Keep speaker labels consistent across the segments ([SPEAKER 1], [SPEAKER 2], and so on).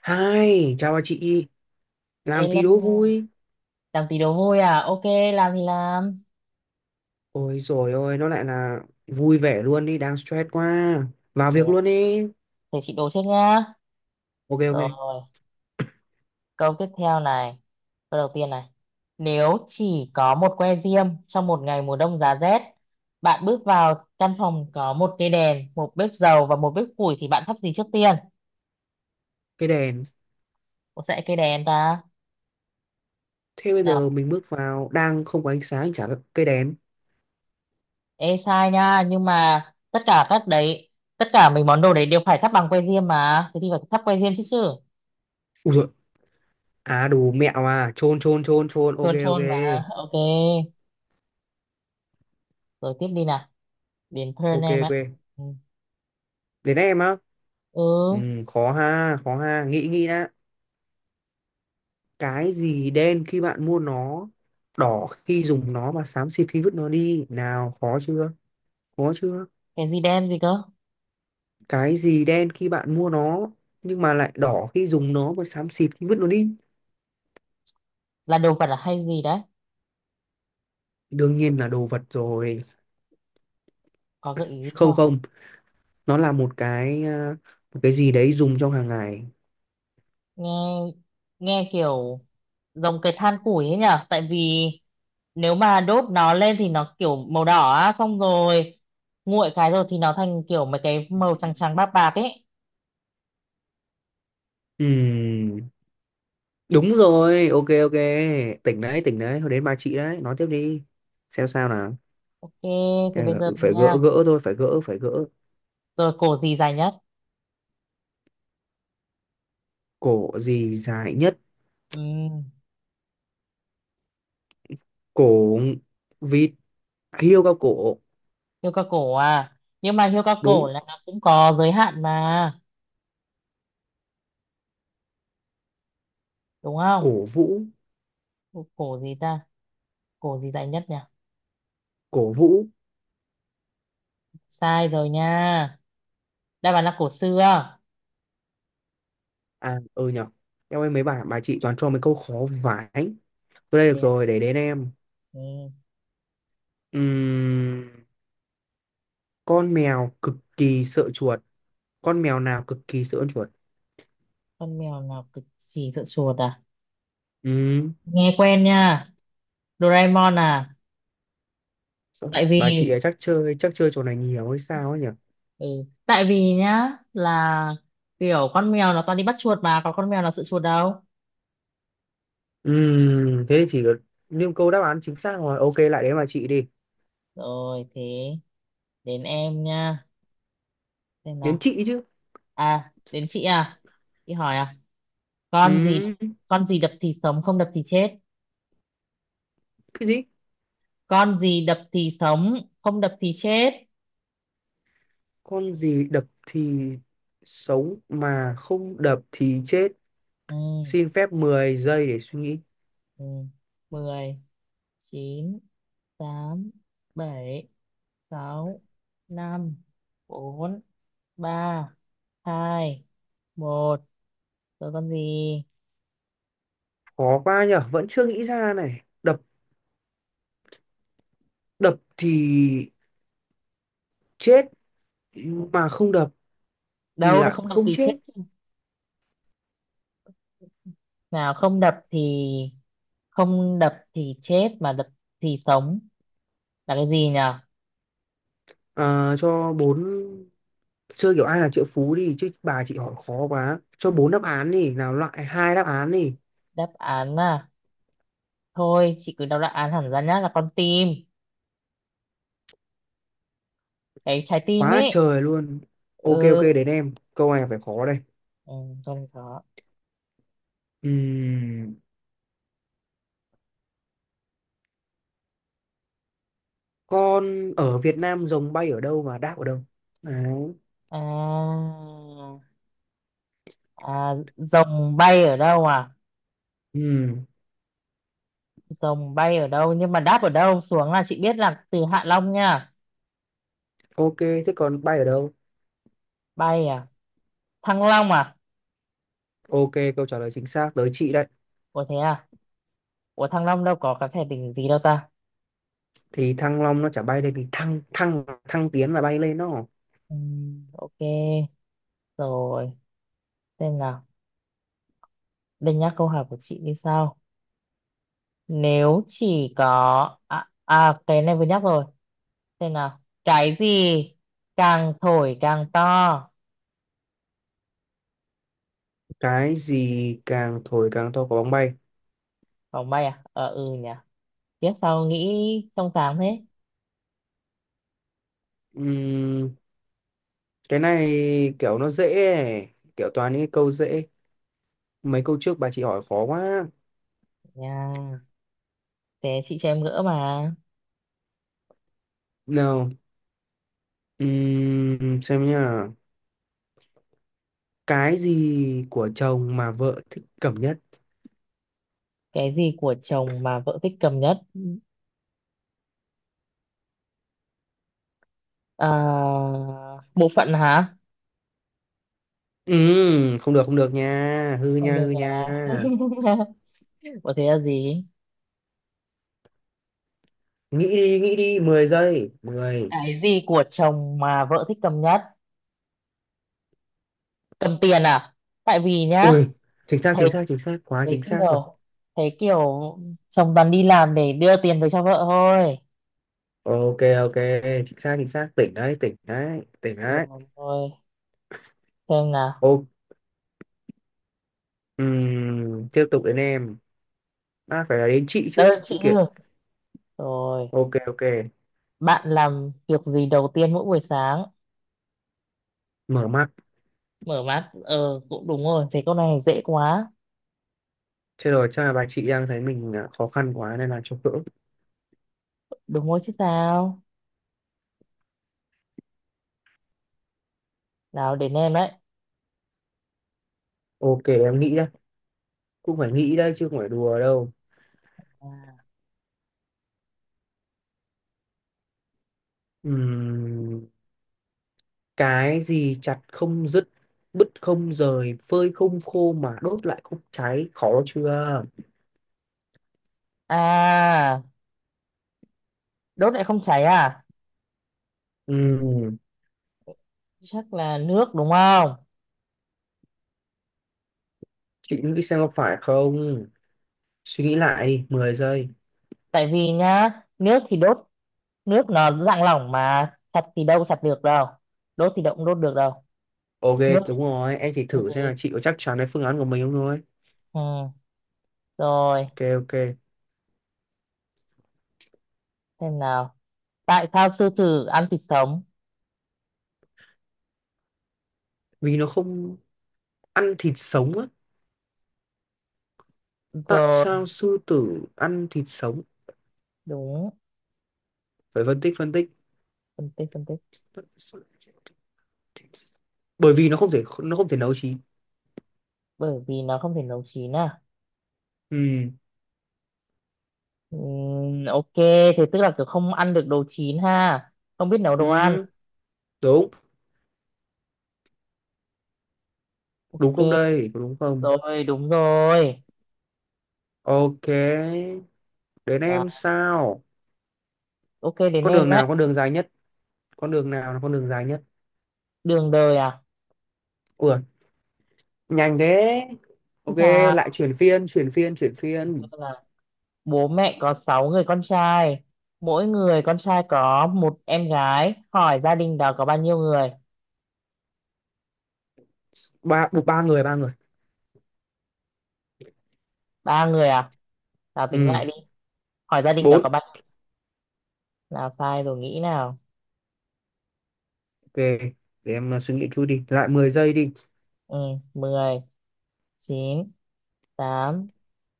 [SPEAKER 1] Hai, chào bà chị, làm tí đố
[SPEAKER 2] Elo,
[SPEAKER 1] vui.
[SPEAKER 2] làm tí đồ vui à? Ok, làm thì làm.
[SPEAKER 1] Ôi rồi ôi, nó lại là vui vẻ luôn đi, đang stress quá. Vào
[SPEAKER 2] Thế,
[SPEAKER 1] việc luôn đi.
[SPEAKER 2] thế, chị đố trước nhá.
[SPEAKER 1] Ok ok,
[SPEAKER 2] Rồi, câu tiếp theo này. Câu đầu tiên này. Nếu chỉ có một que diêm trong một ngày mùa đông giá rét, bạn bước vào căn phòng có một cây đèn, một bếp dầu và một bếp củi thì bạn thắp gì trước tiên?
[SPEAKER 1] cây đèn.
[SPEAKER 2] Có sẽ cây đèn ta?
[SPEAKER 1] Thế bây giờ
[SPEAKER 2] Nào,
[SPEAKER 1] mình bước vào, đang không có ánh sáng, chả có cây đèn.
[SPEAKER 2] ê sai nha, nhưng mà tất cả các đấy, tất cả mấy món đồ đấy đều phải thắp bằng que diêm mà. Thế thì phải thắp que diêm chứ chứ.
[SPEAKER 1] Ui rồi, à đủ mẹo à, chôn chôn chôn chôn, ok
[SPEAKER 2] Chôn
[SPEAKER 1] ok.
[SPEAKER 2] chôn mà. Ok, rồi tiếp đi nào. Đến Pearl
[SPEAKER 1] Ok
[SPEAKER 2] em
[SPEAKER 1] ok,
[SPEAKER 2] ạ. Ừ.
[SPEAKER 1] đến em á. Ừ,
[SPEAKER 2] Ừ,
[SPEAKER 1] khó ha, nghĩ nghĩ đã. Cái gì đen khi bạn mua nó, đỏ khi dùng nó và xám xịt khi vứt nó đi. Nào, khó chưa? Khó chưa?
[SPEAKER 2] cái gì đen gì cơ?
[SPEAKER 1] Cái gì đen khi bạn mua nó, nhưng mà lại đỏ khi dùng nó và xám xịt khi vứt nó đi.
[SPEAKER 2] Là đồ vật à hay gì đấy?
[SPEAKER 1] Đương nhiên là đồ vật rồi.
[SPEAKER 2] Có gợi ý gì
[SPEAKER 1] Không
[SPEAKER 2] không?
[SPEAKER 1] không, nó là một cái à, một cái gì đấy dùng trong hàng ngày.
[SPEAKER 2] Nghe nghe kiểu giống cái than củi ấy nhở? Tại vì nếu mà đốt nó lên thì nó kiểu màu đỏ á, xong rồi nguội cái rồi thì nó thành kiểu mấy cái màu trắng trắng bạc bạc ấy.
[SPEAKER 1] Ừm, Đúng rồi, ok ok, tỉnh đấy tỉnh đấy. Thôi, đến bà chị đấy, nói tiếp đi, xem sao nào.
[SPEAKER 2] Ok, thì bây
[SPEAKER 1] Ờ,
[SPEAKER 2] giờ
[SPEAKER 1] Phải gỡ
[SPEAKER 2] nha.
[SPEAKER 1] gỡ thôi, phải gỡ phải gỡ.
[SPEAKER 2] Rồi cổ gì dài nhất?
[SPEAKER 1] Cổ gì dài nhất?
[SPEAKER 2] Ừ,
[SPEAKER 1] Cổ vịt. Hiêu cao cổ.
[SPEAKER 2] hươu cao cổ à. Nhưng mà hươu cao cổ
[SPEAKER 1] Đúng.
[SPEAKER 2] là nó cũng có giới hạn mà, đúng không?
[SPEAKER 1] Cổ vũ.
[SPEAKER 2] Cổ gì ta? Cổ gì dài nhất nhỉ?
[SPEAKER 1] Cổ vũ.
[SPEAKER 2] Sai rồi nha, đáp án là cổ xưa.
[SPEAKER 1] À, ừ nhở. Em ơi, mấy bà chị toàn cho mấy câu khó vãi. Tôi đây được
[SPEAKER 2] Thế ạ.
[SPEAKER 1] rồi, để đến em.
[SPEAKER 2] Ừ.
[SPEAKER 1] Ừm, con mèo cực kỳ sợ chuột. Con mèo nào cực kỳ sợ con chuột?
[SPEAKER 2] Con mèo nào cực kỳ sợ chuột à?
[SPEAKER 1] Ừm,
[SPEAKER 2] Nghe quen nha. Doraemon à? tại vì
[SPEAKER 1] bà chị ấy chắc chơi trò này nhiều hay sao ấy nhỉ?
[SPEAKER 2] ừ. tại vì nhá, là kiểu con mèo nó toàn đi bắt chuột mà còn con mèo nào sợ chuột đâu.
[SPEAKER 1] Thế thì chỉ được, nhưng câu đáp án chính xác rồi. Ok, lại đến bà chị đi.
[SPEAKER 2] Rồi thế đến em nha. Xem
[SPEAKER 1] Đến
[SPEAKER 2] nào.
[SPEAKER 1] chị chứ.
[SPEAKER 2] À, đến chị à? Chị hỏi à? Con gì,
[SPEAKER 1] Ừm,
[SPEAKER 2] con gì đập thì sống không đập thì chết?
[SPEAKER 1] cái gì?
[SPEAKER 2] Con gì đập thì sống không đập thì chết.
[SPEAKER 1] Con gì đập thì sống mà không đập thì chết.
[SPEAKER 2] Ừ.
[SPEAKER 1] Xin phép 10 giây để suy nghĩ.
[SPEAKER 2] Ừ, 10, chín, tám, bảy, sáu, năm, bốn, ba, hai, một. Rồi, con gì?
[SPEAKER 1] Khó quá nhở, vẫn chưa nghĩ ra này. Đập đập thì chết mà không đập thì
[SPEAKER 2] Đâu, nó
[SPEAKER 1] lại
[SPEAKER 2] không đập
[SPEAKER 1] không
[SPEAKER 2] thì chết
[SPEAKER 1] chết.
[SPEAKER 2] chứ. Nào, không đập thì chết mà đập thì sống là cái gì nhở?
[SPEAKER 1] Cho bốn, chơi kiểu ai là triệu phú đi chứ, bà chị hỏi khó quá, cho bốn đáp án đi nào, loại hai đáp án đi.
[SPEAKER 2] Đáp án à? Thôi chị cứ đọc đáp án hẳn ra nhá, là con tim, cái trái
[SPEAKER 1] Quá
[SPEAKER 2] tim
[SPEAKER 1] là
[SPEAKER 2] ấy.
[SPEAKER 1] trời luôn. Ok ok,
[SPEAKER 2] Ừ,
[SPEAKER 1] đến em câu này phải khó đây.
[SPEAKER 2] ừ, con có
[SPEAKER 1] Ừm, con ở Việt Nam, rồng bay ở đâu và đáp ở đâu đấy.
[SPEAKER 2] à. À, rồng bay ở đâu à?
[SPEAKER 1] Ừm,
[SPEAKER 2] Rồng bay ở đâu? Nhưng mà đáp ở đâu xuống là chị biết là từ Hạ Long nha.
[SPEAKER 1] ok, thế còn bay ở đâu?
[SPEAKER 2] Bay à? Thăng Long à?
[SPEAKER 1] Ok, câu trả lời chính xác, tới chị đây.
[SPEAKER 2] Ủa thế à? Ủa Thăng Long đâu có cái thể đỉnh gì đâu ta?
[SPEAKER 1] Thì Thăng Long nó chả bay lên, thì thăng, thăng, thăng tiến là bay lên đó.
[SPEAKER 2] Ok. Rồi. Xem nào. Đây nhắc câu hỏi của chị như sau. À, cái này vừa nhắc rồi. Xem nào. Cái gì càng thổi càng to?
[SPEAKER 1] Cái gì càng thổi càng to? Có bóng bay.
[SPEAKER 2] Vòng bay à? Ờ ừ nhỉ. Tiếp sau nghĩ trong sáng thế.
[SPEAKER 1] Ừm, cái này kiểu nó dễ ấy. Kiểu toàn những cái câu dễ, mấy câu trước bà chị hỏi khó quá.
[SPEAKER 2] Nha. Thế chị cho em gỡ mà.
[SPEAKER 1] Nào, xem nhá. Cái gì của chồng mà vợ thích cầm nhất?
[SPEAKER 2] Cái gì của chồng mà vợ thích cầm nhất? À, bộ phận hả?
[SPEAKER 1] Không được không được nha, hư
[SPEAKER 2] Không
[SPEAKER 1] nha
[SPEAKER 2] được
[SPEAKER 1] hư nha.
[SPEAKER 2] à? Có thế là gì?
[SPEAKER 1] Nghĩ đi, nghĩ đi, 10 giây, mười.
[SPEAKER 2] Cái gì của chồng mà vợ thích cầm nhất? Cầm tiền à? Tại vì nhá,
[SPEAKER 1] Ui, chính xác chính
[SPEAKER 2] thấy
[SPEAKER 1] xác chính xác, quá
[SPEAKER 2] thấy
[SPEAKER 1] chính xác rồi.
[SPEAKER 2] kiểu thấy kiểu chồng toàn đi làm để đưa tiền về cho vợ thôi.
[SPEAKER 1] Ok ok, chính xác chính xác, tỉnh đấy tỉnh đấy tỉnh đấy.
[SPEAKER 2] Rồi, xem nào.
[SPEAKER 1] Ô, tiếp tục đến em. Phải là đến chị chứ
[SPEAKER 2] Đơn
[SPEAKER 1] chứ
[SPEAKER 2] chị
[SPEAKER 1] kiện.
[SPEAKER 2] chứ. Rồi,
[SPEAKER 1] Ok ok,
[SPEAKER 2] bạn làm việc gì đầu tiên mỗi buổi sáng?
[SPEAKER 1] mở mắt.
[SPEAKER 2] Mở mắt, ờ cũng đúng rồi, thế câu này dễ quá.
[SPEAKER 1] Chết rồi, chắc là bà chị đang thấy mình khó khăn quá nên là cho cỡ.
[SPEAKER 2] Đúng rồi chứ sao? Nào đến em đấy.
[SPEAKER 1] Ok, em nghĩ đây, cũng phải nghĩ đây chứ không phải đùa đâu. Ừm, cái gì chặt không dứt, bứt không rời, phơi không khô mà đốt lại không cháy? Khó chưa?
[SPEAKER 2] À, đốt lại không cháy à?
[SPEAKER 1] Ừm,
[SPEAKER 2] Chắc là nước đúng không?
[SPEAKER 1] chị nghĩ xem có phải không, suy nghĩ lại đi, 10 giây.
[SPEAKER 2] Tại vì nhá, nước thì đốt, nước nó dạng lỏng mà chặt thì đâu chặt được đâu. Đốt thì đâu cũng đốt được đâu.
[SPEAKER 1] Ok,
[SPEAKER 2] Nước,
[SPEAKER 1] đúng rồi, em chỉ
[SPEAKER 2] thế
[SPEAKER 1] thử
[SPEAKER 2] thì
[SPEAKER 1] xem là chị có chắc chắn với phương án của mình không thôi.
[SPEAKER 2] ừ. Rồi,
[SPEAKER 1] Ok ok.
[SPEAKER 2] xem nào. Tại sao sư tử ăn thịt sống?
[SPEAKER 1] Vì nó không ăn thịt sống á. Tại
[SPEAKER 2] Rồi,
[SPEAKER 1] sao sư tử ăn thịt sống?
[SPEAKER 2] đúng.
[SPEAKER 1] Phải phân tích, phân tích.
[SPEAKER 2] Phân tích, phân tích.
[SPEAKER 1] Bởi vì nó không thể nấu chín.
[SPEAKER 2] Bởi vì nó không thể nấu chín à?
[SPEAKER 1] Ừ,
[SPEAKER 2] Ok, thế tức là kiểu không ăn được đồ chín ha. Không biết nấu đồ ăn.
[SPEAKER 1] ừ đúng. Đúng không,
[SPEAKER 2] Ok,
[SPEAKER 1] đây có đúng không?
[SPEAKER 2] rồi đúng rồi,
[SPEAKER 1] Ok. Đến em
[SPEAKER 2] là
[SPEAKER 1] sao?
[SPEAKER 2] ok đến
[SPEAKER 1] Con
[SPEAKER 2] em
[SPEAKER 1] đường
[SPEAKER 2] đấy.
[SPEAKER 1] nào con đường dài nhất? Con đường nào là con đường dài nhất?
[SPEAKER 2] Đường đời à?
[SPEAKER 1] Ủa, nhanh thế.
[SPEAKER 2] Chứ
[SPEAKER 1] Ok,
[SPEAKER 2] sao.
[SPEAKER 1] lại chuyển phiên, chuyển phiên, chuyển phiên.
[SPEAKER 2] Vâng, là bố mẹ có 6 người con trai, mỗi người con trai có một em gái, hỏi gia đình đó có bao nhiêu người?
[SPEAKER 1] Ba, ba người, ba người.
[SPEAKER 2] Ba người à? Nào tính
[SPEAKER 1] Ừ.
[SPEAKER 2] lại đi. Hỏi gia đình đó
[SPEAKER 1] Bốn.
[SPEAKER 2] có bao nhiêu? Nào, sai rồi, nghĩ nào.
[SPEAKER 1] Ok, để em suy nghĩ chút đi, lại 10 giây đi.
[SPEAKER 2] Ừ, 10, chín, tám,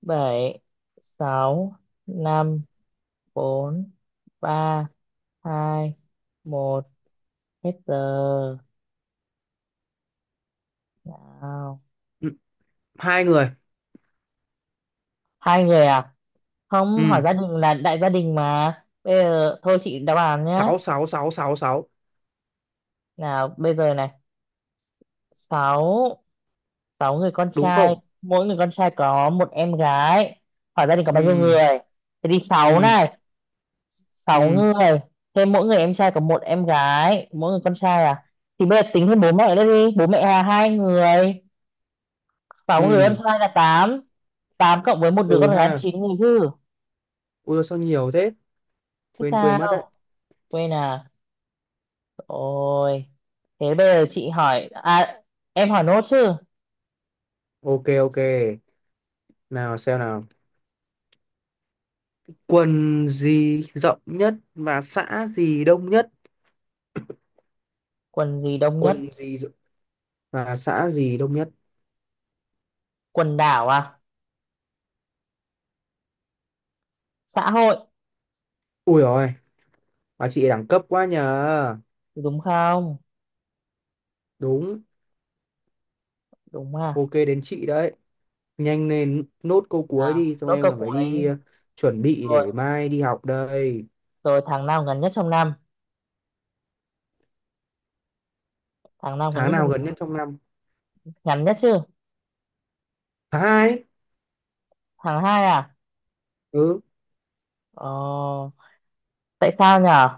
[SPEAKER 2] bảy, sáu, năm, bốn, ba, hai, một. Hết giờ. Nào.
[SPEAKER 1] Ừ. Hai người.
[SPEAKER 2] Hai người à? Không,
[SPEAKER 1] Ừ.
[SPEAKER 2] hỏi gia đình là đại gia đình mà. Bây giờ thôi chị đáp án nhá.
[SPEAKER 1] Sáu, sáu, sáu, sáu, sáu.
[SPEAKER 2] Nào bây giờ này, sáu sáu người con
[SPEAKER 1] Đúng
[SPEAKER 2] trai,
[SPEAKER 1] không?
[SPEAKER 2] mỗi người con trai có một em gái, hỏi gia đình có bao nhiêu
[SPEAKER 1] Ừ.
[SPEAKER 2] người? Thế thì sáu
[SPEAKER 1] Ừ.
[SPEAKER 2] này, sáu
[SPEAKER 1] Ừ.
[SPEAKER 2] người, thêm mỗi người em trai có một em gái, mỗi người con trai à, thì bây giờ tính thêm bố mẹ nữa đi, bố mẹ là hai người, sáu người em
[SPEAKER 1] Ừ.
[SPEAKER 2] trai là tám, tám cộng với một đứa
[SPEAKER 1] Ừ
[SPEAKER 2] con gái là
[SPEAKER 1] ha.
[SPEAKER 2] chín người chứ.
[SPEAKER 1] Ui, sao nhiều thế,
[SPEAKER 2] Thế
[SPEAKER 1] quên quên mất đấy.
[SPEAKER 2] sao, quên à? Ôi, thế bây giờ chị hỏi, à, em hỏi nốt chứ.
[SPEAKER 1] Ok ok, nào xem nào. Quần gì rộng nhất và xã gì đông nhất?
[SPEAKER 2] Quần gì đông nhất?
[SPEAKER 1] quần gì rộng- và xã gì đông nhất?
[SPEAKER 2] Quần đảo à? Xã hội,
[SPEAKER 1] Ui rồi, bà chị đẳng cấp quá nhờ.
[SPEAKER 2] đúng không?
[SPEAKER 1] Đúng.
[SPEAKER 2] Đúng à?
[SPEAKER 1] Ok, đến chị đấy, nhanh lên, nốt câu cuối
[SPEAKER 2] Nào,
[SPEAKER 1] đi, xong
[SPEAKER 2] nốt
[SPEAKER 1] em
[SPEAKER 2] câu
[SPEAKER 1] còn phải đi
[SPEAKER 2] cuối.
[SPEAKER 1] chuẩn bị
[SPEAKER 2] Rồi,
[SPEAKER 1] để mai đi học đây.
[SPEAKER 2] rồi, tháng nào ngắn nhất trong năm? Tháng nào ngắn
[SPEAKER 1] Tháng
[SPEAKER 2] nhất trong
[SPEAKER 1] nào
[SPEAKER 2] năm?
[SPEAKER 1] gần nhất trong năm?
[SPEAKER 2] Ngắn nhất chứ?
[SPEAKER 1] Tháng hai ấy.
[SPEAKER 2] Tháng 2 à?
[SPEAKER 1] Ừ.
[SPEAKER 2] Ờ, tại sao nhở?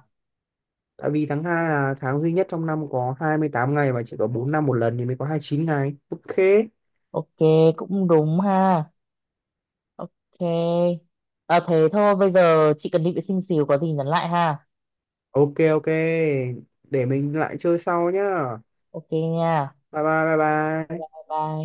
[SPEAKER 1] Tại vì tháng hai là tháng duy nhất trong năm có 28 ngày, mà chỉ có 4 năm một lần thì mới có 29 ngày. Ok.
[SPEAKER 2] Ok, cũng đúng ha. Ok. À, thế thôi, bây giờ chị cần đi vệ sinh xíu, có gì nhắn lại ha.
[SPEAKER 1] Ok ok, để mình lại chơi sau nhá.
[SPEAKER 2] Ok nha.
[SPEAKER 1] Bye bye bye
[SPEAKER 2] Bye
[SPEAKER 1] bye.
[SPEAKER 2] bye.